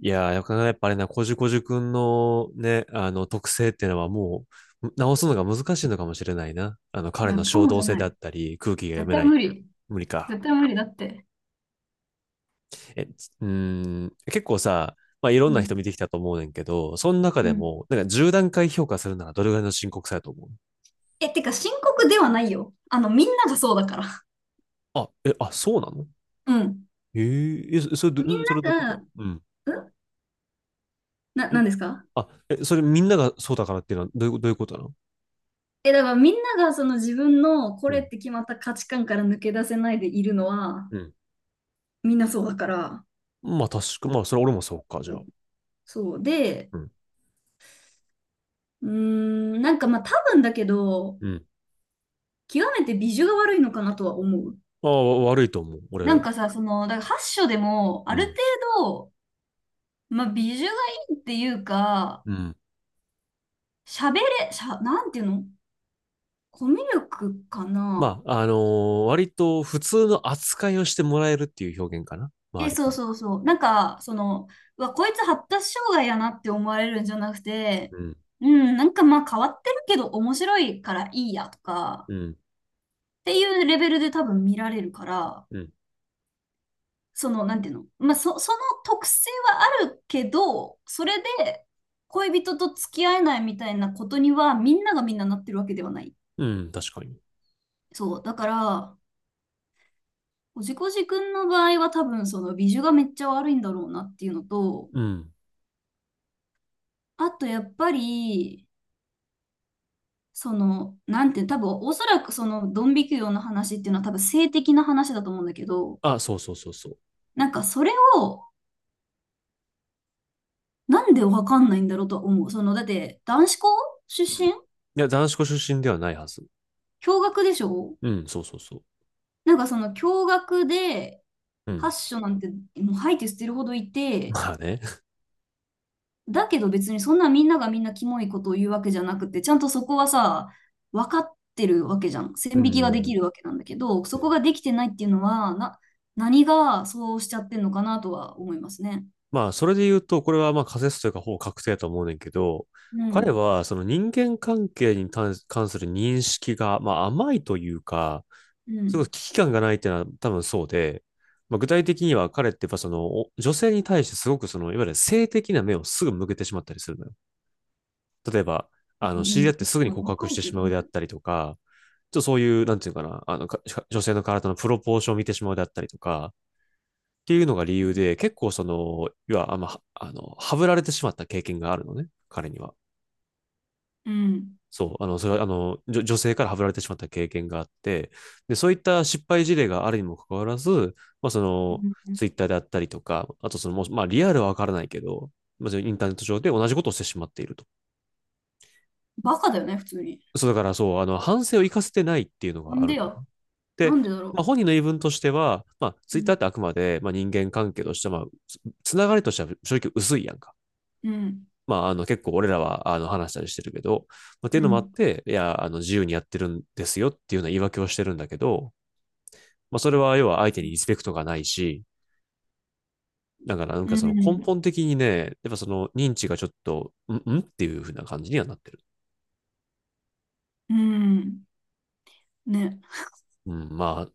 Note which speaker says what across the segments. Speaker 1: いやー、なかなかやっぱあれな、こじゅくんのね、あの特性っていうのはもう直すのが難しいのかもしれないな。あの
Speaker 2: い
Speaker 1: 彼
Speaker 2: や、
Speaker 1: の
Speaker 2: か
Speaker 1: 衝
Speaker 2: もじ
Speaker 1: 動
Speaker 2: ゃ
Speaker 1: 性
Speaker 2: な
Speaker 1: であ
Speaker 2: い。
Speaker 1: ったり、空気が読
Speaker 2: 絶
Speaker 1: め
Speaker 2: 対
Speaker 1: ない。
Speaker 2: 無理。
Speaker 1: 無理か。
Speaker 2: 絶対無理だって。
Speaker 1: え、つうーん、結構さ、まあいろん
Speaker 2: う
Speaker 1: な人見
Speaker 2: ん。
Speaker 1: てきたと思うねんけど、その中
Speaker 2: う
Speaker 1: で
Speaker 2: ん。
Speaker 1: も、なんか10段階評価するならどれぐらいの深刻さやと思う？
Speaker 2: え、てか深刻ではないよ。みんながそうだから。
Speaker 1: あ、え、あ、そうなの？
Speaker 2: うん。
Speaker 1: え、
Speaker 2: みん
Speaker 1: それどういうこ
Speaker 2: な
Speaker 1: と？
Speaker 2: が、
Speaker 1: うん。
Speaker 2: うん。
Speaker 1: ん
Speaker 2: なんですか？
Speaker 1: え、それみんながそうだからっていうのはどういう、ことなの？
Speaker 2: え、だからみんながその自分のこ
Speaker 1: う
Speaker 2: れ
Speaker 1: ん。
Speaker 2: って決まった価値観から抜け出せないでいるのは、
Speaker 1: うん。
Speaker 2: みんなそうだから。
Speaker 1: まあ確か、まあそれ俺もそうか、じゃあ。
Speaker 2: そう。で、
Speaker 1: うん。
Speaker 2: なんかまあ多分だけど、
Speaker 1: うん。
Speaker 2: 極めて美女が悪いのかなとは思う。
Speaker 1: ああ、悪いと思う、
Speaker 2: な
Speaker 1: 俺。
Speaker 2: んかさ、その、だから8章でも、あ
Speaker 1: う
Speaker 2: る程
Speaker 1: ん。
Speaker 2: 度、まあ、美女がいいっていうか、
Speaker 1: うん。
Speaker 2: 喋れ、しゃ、なんていうの？コミュ力か
Speaker 1: ま
Speaker 2: な？
Speaker 1: あ、割と普通の扱いをしてもらえるっていう表現かな。周
Speaker 2: え、
Speaker 1: り
Speaker 2: そ
Speaker 1: か
Speaker 2: う
Speaker 1: ら。
Speaker 2: そうそう。なんか、その、うわ、こいつ発達障害やなって思われるんじゃなく
Speaker 1: う
Speaker 2: て、
Speaker 1: ん。
Speaker 2: うん、なんかまあ変わってるけど面白いからいいやとか、
Speaker 1: うん。
Speaker 2: っていうレベルで多分見られるから、
Speaker 1: うん。
Speaker 2: その、なんていうの？まあ、その特性はあるけど、それで恋人と付き合えないみたいなことには、みんながみんななってるわけではない。
Speaker 1: うん、確かに。
Speaker 2: そう。だから、おじこじくんの場合は多分その美女がめっちゃ悪いんだろうなっていうのと、
Speaker 1: うん。
Speaker 2: あとやっぱり、その、なんていう、多分おそらくそのドン引き業の話っていうのは多分性的な話だと思うんだけど、
Speaker 1: あ、そうそうそうそう。
Speaker 2: なんかそれをなんでわかんないんだろうとは思う。その、だって男子校出
Speaker 1: うん。い
Speaker 2: 身、
Speaker 1: や、男子校出身ではないはず。
Speaker 2: 共学でしょ？
Speaker 1: うん、そうそうそう。
Speaker 2: なんかその共学で、
Speaker 1: うん。
Speaker 2: 発所なんてもう吐いて捨てるほどい て、
Speaker 1: まあね。
Speaker 2: だけど別にそんなみんながみんなキモいことを言うわけじゃなくて、ちゃんとそこはさ、分かってるわけじゃん。
Speaker 1: うん、
Speaker 2: 線
Speaker 1: う
Speaker 2: 引きがで
Speaker 1: ん、
Speaker 2: きるわけなんだけど、そ
Speaker 1: う
Speaker 2: こ
Speaker 1: ん。
Speaker 2: ができてないっていうのは、何がそうしちゃってんのかなとは思いますね。
Speaker 1: まあ、それで言うと、これはまあ仮説というかほぼ確定だと思うねんけど、
Speaker 2: う
Speaker 1: 彼
Speaker 2: ん。
Speaker 1: はその人間関係に関する認識が、まあ、甘いというか、
Speaker 2: う
Speaker 1: すごい
Speaker 2: ん。
Speaker 1: 危機感がないっていうのは多分そうで、まあ、具体的には彼ってやっぱその女性に対してすごくそのいわゆる性的な目をすぐ向けてしまったりするのよ。例えば、あ
Speaker 2: う
Speaker 1: の知り
Speaker 2: ん。
Speaker 1: 合ってすぐに
Speaker 2: まあ、
Speaker 1: 告
Speaker 2: わ
Speaker 1: 白
Speaker 2: か
Speaker 1: し
Speaker 2: る
Speaker 1: て
Speaker 2: け
Speaker 1: し
Speaker 2: ど
Speaker 1: まうであ
Speaker 2: ね。
Speaker 1: ったりとか、ちょっとそういう、なんていうかな、あの女性の体のプロポーションを見てしまうであったりとか、っていうのが理由で、結構その、要はあんま、あの、はぶられてしまった経験があるのね、彼には。
Speaker 2: うん。
Speaker 1: そう、あの、それは、あの、女性からはぶられてしまった経験があって、で、そういった失敗事例があるにもかかわらず、まあ、そ
Speaker 2: う
Speaker 1: の、
Speaker 2: ん。
Speaker 1: ツイッターであったりとか、あとその、もうまあ、リアルはわからないけど、まあ、そのインターネット上で同じことをしてしまっていると。
Speaker 2: バカだよね、普通に。
Speaker 1: そう、だからそう、あの、反省を生かせてないっていうの
Speaker 2: な
Speaker 1: が
Speaker 2: ん
Speaker 1: ある
Speaker 2: で
Speaker 1: んだ。
Speaker 2: や。な
Speaker 1: で、
Speaker 2: んでだ
Speaker 1: まあ、
Speaker 2: ろ
Speaker 1: 本人の言い分としては、まあ、
Speaker 2: う。
Speaker 1: ツ
Speaker 2: う
Speaker 1: イッター
Speaker 2: ん。
Speaker 1: ってあくまで、まあ、人間関係として、まあ、つながりとしては正直薄いやんか。
Speaker 2: うん。
Speaker 1: まあ、あの、結構俺らは、あの、話したりしてるけど、まあ、って
Speaker 2: う
Speaker 1: いうのもあっ
Speaker 2: ん。
Speaker 1: て、いや、あの、自由にやってるんですよっていうような言い訳をしてるんだけど、まあ、それは要は相手にリスペクトがないし、だからなん
Speaker 2: う
Speaker 1: かその根
Speaker 2: ん。
Speaker 1: 本的にね、やっぱその認知がちょっと、んんっていう風な感じにはなってる。
Speaker 2: うん。ね。
Speaker 1: うん、ま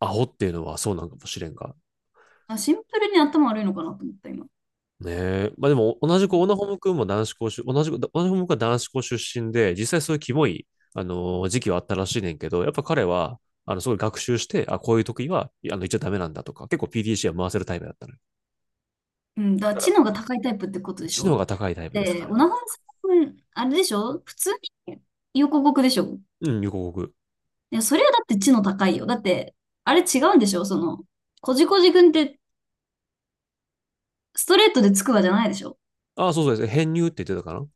Speaker 1: あ、アホっていうのはそうなんかもしれんが、
Speaker 2: あ、シンプルに頭悪いのかなと思った、今。
Speaker 1: ねえ。まあでも、同
Speaker 2: う
Speaker 1: じくオナ
Speaker 2: ん。
Speaker 1: ホム君も男子校出、同じく、オナホム君は男子校出身で、実際そういうキモい、時期はあったらしいねんけど、やっぱ彼は、あの、すごい学習して、あ、こういう時は、あの、言っちゃダメなんだとか、結構 PDCA は回せるタイプだったのよ。
Speaker 2: うん、だから
Speaker 1: だ
Speaker 2: 知
Speaker 1: か
Speaker 2: 能が高いタイプってこと
Speaker 1: ら、
Speaker 2: でし
Speaker 1: 知能
Speaker 2: ょ？
Speaker 1: が高いタイプです、
Speaker 2: で、
Speaker 1: 彼
Speaker 2: オ
Speaker 1: は。
Speaker 2: ナホンさん、あれでしょ普通に横国でしょ？
Speaker 1: うん、横国。
Speaker 2: いや、それはだって知能高いよ。だって、あれ違うんでしょその、こじこじくんってストレートでつくばじゃないでしょ？
Speaker 1: あ、そうそうです。編入って言ってたかな？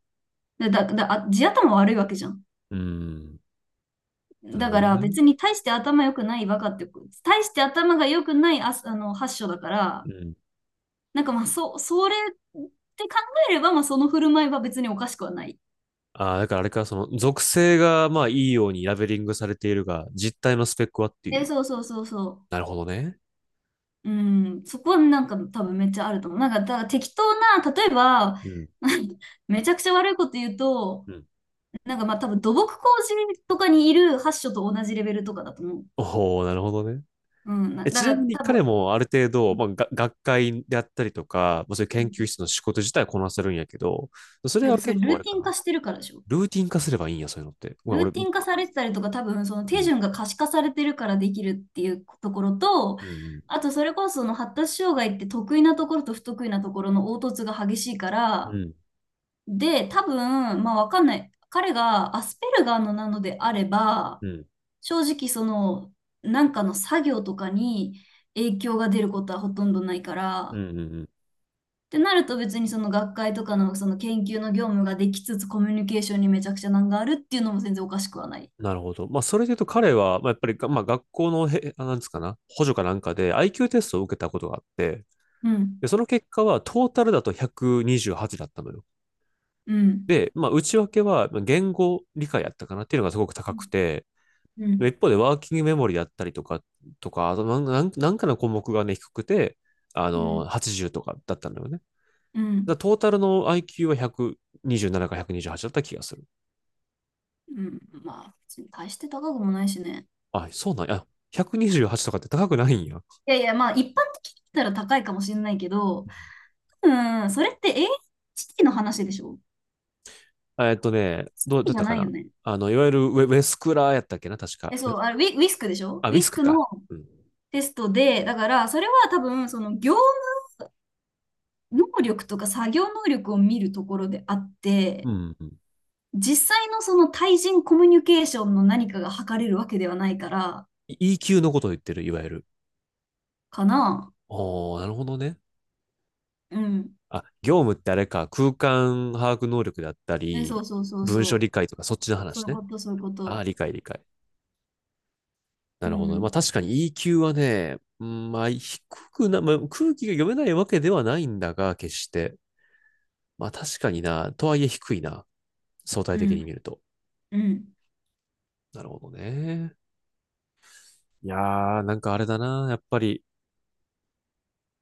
Speaker 2: だ、でだ、だ、あ地頭悪いわけじゃん。
Speaker 1: うん。なる
Speaker 2: だ
Speaker 1: ほ
Speaker 2: か
Speaker 1: ど
Speaker 2: ら
Speaker 1: ね。
Speaker 2: 別に大して頭良くないバカってこ、大して頭が良くない、発祥だか
Speaker 1: う
Speaker 2: ら、
Speaker 1: ん。
Speaker 2: なんかまあ、それって考えれば、まあその振る舞いは別におかしくはない。
Speaker 1: ああ、だからあれか、その、属性が、まあ、いいようにラベリングされているが、実態のスペックはってい
Speaker 2: え、
Speaker 1: う。
Speaker 2: そうそうそうそう。
Speaker 1: なるほどね。
Speaker 2: うん、そこはなんか多分めっちゃあると思う。なんか、だから適当な、例えば、
Speaker 1: うん。
Speaker 2: めちゃくちゃ悪いこと言うと、
Speaker 1: うん。
Speaker 2: なんかまあ多分土木工事とかにいる発所と同じレベルとかだと思う。
Speaker 1: おお、なるほどね。
Speaker 2: うん、
Speaker 1: え、
Speaker 2: だ
Speaker 1: ち
Speaker 2: か
Speaker 1: な
Speaker 2: ら
Speaker 1: みに
Speaker 2: 多分、
Speaker 1: 彼もある程度、まあ、学会であったりとか、まあ、そういう研究室の仕事自体はこなせるんやけど、それ
Speaker 2: だか
Speaker 1: は
Speaker 2: らそれ
Speaker 1: 結
Speaker 2: ル
Speaker 1: 構
Speaker 2: ー
Speaker 1: あれ
Speaker 2: ティ
Speaker 1: か
Speaker 2: ン
Speaker 1: な。
Speaker 2: 化してるからでしょ？
Speaker 1: ルーティン化すればいいんや、そういうのって。ごめん、
Speaker 2: ル
Speaker 1: 俺、
Speaker 2: ーテ
Speaker 1: う
Speaker 2: ィン化されてたりとか、多分その手
Speaker 1: ん、
Speaker 2: 順が可視化されてるからできるっていうところと、
Speaker 1: うん、
Speaker 2: あとそれこそその発達障害って得意なところと不得意なところの凹凸が激しいか
Speaker 1: うん、
Speaker 2: ら、
Speaker 1: うん、
Speaker 2: で、多分、まあわかんない。彼がアスペルガーのなのであれば、
Speaker 1: うん、
Speaker 2: 正直その、なんかの作業とかに影響が出ることはほとんどないか
Speaker 1: う
Speaker 2: ら、
Speaker 1: ん、うん。
Speaker 2: ってなると別にその学会とかのその研究の業務ができつつコミュニケーションにめちゃくちゃ難があるっていうのも全然おかしくはない。
Speaker 1: なるほど。まあ、それで言うと彼は、まあ、やっぱり、まあ、学校のなんですかな、補助かなんかで IQ テストを受けたことがあって、
Speaker 2: うん、
Speaker 1: で、その結果はトータルだと128だったのよ。
Speaker 2: うん、
Speaker 1: で、まあ、内訳はまあ言語理解やったかなっていうのがすごく
Speaker 2: う
Speaker 1: 高く
Speaker 2: ん、
Speaker 1: て、
Speaker 2: う
Speaker 1: で
Speaker 2: ん、
Speaker 1: 一方でワーキングメモリだったりとか、あとなんかの項目がね、低くて、あの、80とかだったんだよね。
Speaker 2: うん、
Speaker 1: トータルの IQ は127か128だった気がする。
Speaker 2: うん。まあ、別に大して高くもないしね。
Speaker 1: あ、そうなんや。128とかって高くないんや。
Speaker 2: いやいや、まあ一般的に言ったら高いかもしれないけど、うん、それって AHT の話でしょ？エーエイ
Speaker 1: えっとね、
Speaker 2: チテ
Speaker 1: どう
Speaker 2: ィ
Speaker 1: だ
Speaker 2: ー
Speaker 1: っ
Speaker 2: じゃ
Speaker 1: たか
Speaker 2: ない
Speaker 1: な。
Speaker 2: よね？
Speaker 1: あの、いわゆるウェスクラーやったっけな、確か。
Speaker 2: え、そう、あれ、ウィスクでしょ？
Speaker 1: あ、
Speaker 2: ウ
Speaker 1: ウィ
Speaker 2: ィ
Speaker 1: ス
Speaker 2: ス
Speaker 1: ク
Speaker 2: クの
Speaker 1: か。うん。
Speaker 2: テストで、だから、それは多分、その業務能力とか作業能力を見るところであっ
Speaker 1: う
Speaker 2: て、
Speaker 1: ん、うん。
Speaker 2: 実際のその対人コミュニケーションの何かが測れるわけではないから、
Speaker 1: EQ のことを言ってる、いわゆる。
Speaker 2: かな。
Speaker 1: おー、なるほどね。
Speaker 2: うん。
Speaker 1: あ、業務ってあれか、空間把握能力だった
Speaker 2: え、そ
Speaker 1: り、
Speaker 2: うそうそう
Speaker 1: 文書
Speaker 2: そう。
Speaker 1: 理解とか、そっちの
Speaker 2: そう
Speaker 1: 話
Speaker 2: いう
Speaker 1: ね。
Speaker 2: こと、そういうこ
Speaker 1: ああ、
Speaker 2: と。
Speaker 1: 理解理解。な
Speaker 2: う
Speaker 1: るほどね。まあ
Speaker 2: ん、
Speaker 1: 確かに EQ はね、うんまあ低くな、まあ、空気が読めないわけではないんだが、決して。まあ確かにな、とはいえ低いな。相対
Speaker 2: う
Speaker 1: 的に
Speaker 2: ん、
Speaker 1: 見ると。
Speaker 2: うん。
Speaker 1: なるほどね。いやー、なんかあれだな。やっぱり、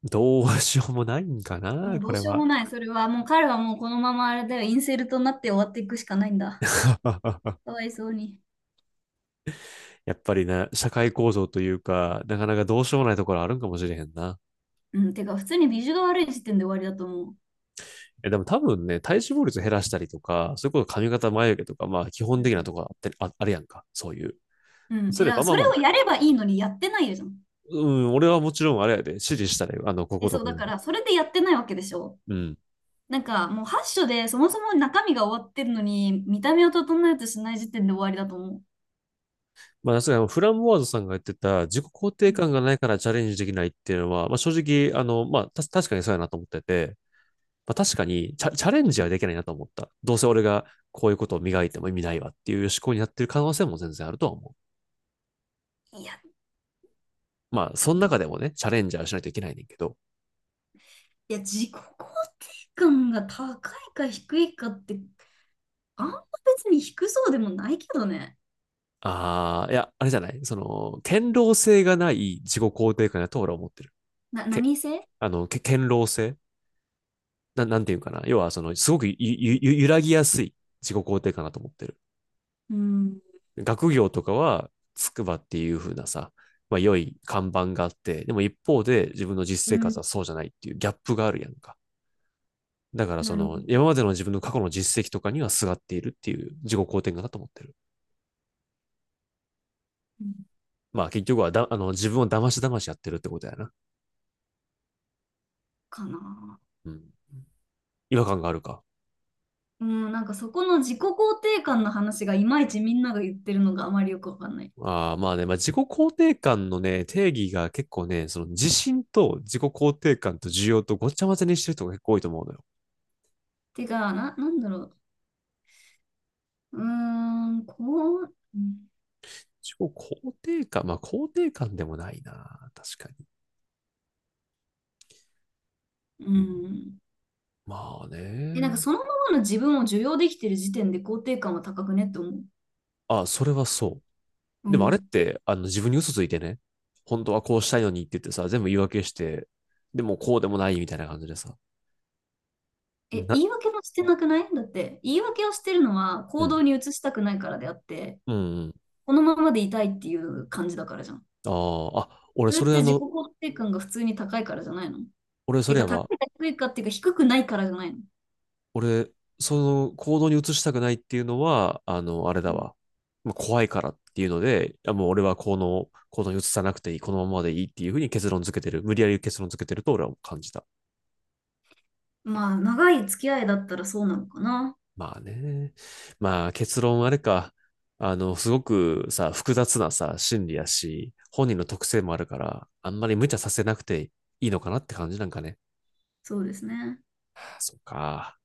Speaker 1: どうしようもないんか
Speaker 2: も
Speaker 1: な、
Speaker 2: うど
Speaker 1: こ
Speaker 2: う
Speaker 1: れ
Speaker 2: しよう
Speaker 1: は。
Speaker 2: もない。それは、もう彼はもうこのままあれだよ、インセルトになって終わっていくしかないんだ。かわいそうに。
Speaker 1: やっぱりね、社会構造というか、なかなかどうしようもないところあるんかもしれへんな。
Speaker 2: うん、てか、普通にビジュが悪い時点で終わりだと思う。
Speaker 1: え、でも多分ね、体脂肪率減らしたりとか、そういうこと髪型眉毛とか、まあ基本
Speaker 2: うん。
Speaker 1: 的なところあって、あ、あるやんか。そういう。
Speaker 2: うん。
Speaker 1: す
Speaker 2: え、
Speaker 1: れ
Speaker 2: だか
Speaker 1: ば、
Speaker 2: ら
Speaker 1: まあ
Speaker 2: そ
Speaker 1: ま
Speaker 2: れ
Speaker 1: あ、
Speaker 2: をやればいいのにやってないじゃん。
Speaker 1: うん、俺はもちろんあれやで、指示したね。あの、こ
Speaker 2: え、
Speaker 1: こと
Speaker 2: そう、
Speaker 1: こ
Speaker 2: だ
Speaker 1: の。
Speaker 2: からそれでやってないわけでしょ？
Speaker 1: うん。
Speaker 2: なんかもう8章でそもそも中身が終わってるのに見た目を整えようとしない時点で終わりだと思う。
Speaker 1: まあ、さすがにフランボワーズさんが言ってた、自己肯定感がないからチャレンジできないっていうのは、まあ、正直、あの、まあ、確かにそうやなと思ってて、まあ、確かにチャレンジはできないなと思った。どうせ俺がこういうことを磨いても意味ないわっていう思考になってる可能性も全然あるとは思
Speaker 2: う。いや、
Speaker 1: う。まあ、その
Speaker 2: ど、
Speaker 1: 中でもね、チャレンジはしないといけないねんけど。
Speaker 2: いや、自己肯定感が高いか低いかって、あんま別に低そうでもないけどね。
Speaker 1: ああ、いや、あれじゃないその、堅牢性がない自己肯定感だと俺は思ってる。け、
Speaker 2: 何性？
Speaker 1: あの、け、堅牢性、なんていうかな。要は、その、すごくゆゆゆ揺らぎやすい自己肯定感だと思ってる。
Speaker 2: うん。
Speaker 1: 学業とかは、筑波っていう風なさ、まあ、良い看板があって、でも一方で自分の実
Speaker 2: う
Speaker 1: 生活
Speaker 2: ん。
Speaker 1: はそうじゃないっていうギャップがあるやんか。だからそ
Speaker 2: なるほ
Speaker 1: の、
Speaker 2: ど。
Speaker 1: 今までの自分の過去の実績とかにはすがっているっていう自己肯定感だと思ってる。
Speaker 2: うん。
Speaker 1: まあ結局は、あの、自分を騙し騙しやってるってことやな。
Speaker 2: かな。
Speaker 1: うん。違和感があるか。
Speaker 2: うん、なんかそこの自己肯定感の話がいまいちみんなが言ってるのがあまりよくわかんない。
Speaker 1: ああ、まあね、まあ、自己肯定感のね、定義が結構ね、その自信と自己肯定感と需要とごっちゃ混ぜにしてる人が結構多いと思うのよ。
Speaker 2: てか、なんだろう。う
Speaker 1: 自己肯定感、まあ肯定感でもないな、確かに。うん、
Speaker 2: ん。
Speaker 1: まあ
Speaker 2: え、なん
Speaker 1: ね。
Speaker 2: かそのままの自分を受容できてる時点で肯定感は高くねって思う。
Speaker 1: あ、それはそ
Speaker 2: う
Speaker 1: う。でもあれっ
Speaker 2: ん。
Speaker 1: て、あの自分に嘘ついてね、本当はこうしたいのにって言ってさ、全部言い訳して、でもこうでもないみたいな感じでさ。
Speaker 2: え、
Speaker 1: な、
Speaker 2: 言い訳もしてなくない？だって、言い訳をしてるのは
Speaker 1: う
Speaker 2: 行動
Speaker 1: ん、
Speaker 2: に移したくないからであって、
Speaker 1: うん、うん。
Speaker 2: このままでいたいっていう感じだからじゃん。
Speaker 1: あーあ、
Speaker 2: それって自己肯定感が普通に高いからじゃないの？
Speaker 1: 俺そ
Speaker 2: て
Speaker 1: れ
Speaker 2: か、
Speaker 1: や
Speaker 2: 高
Speaker 1: わ。
Speaker 2: いか低いかっていうか低くないからじゃないの？
Speaker 1: 俺、その行動に移したくないっていうのは、あの、あれ
Speaker 2: う
Speaker 1: だ
Speaker 2: ん。
Speaker 1: わ。まあ怖いからっていうので、もう俺はこの行動に移さなくていい、このままでいいっていうふうに結論付けてる。無理やり結論付けてると俺は感じた。
Speaker 2: まあ、長い付き合いだったらそうなのかな。
Speaker 1: まあね。まあ結論あれか。あの、すごくさ、複雑なさ、心理やし、本人の特性もあるから、あんまり無茶させなくていいのかなって感じなんかね。
Speaker 2: そうですね。
Speaker 1: そうか。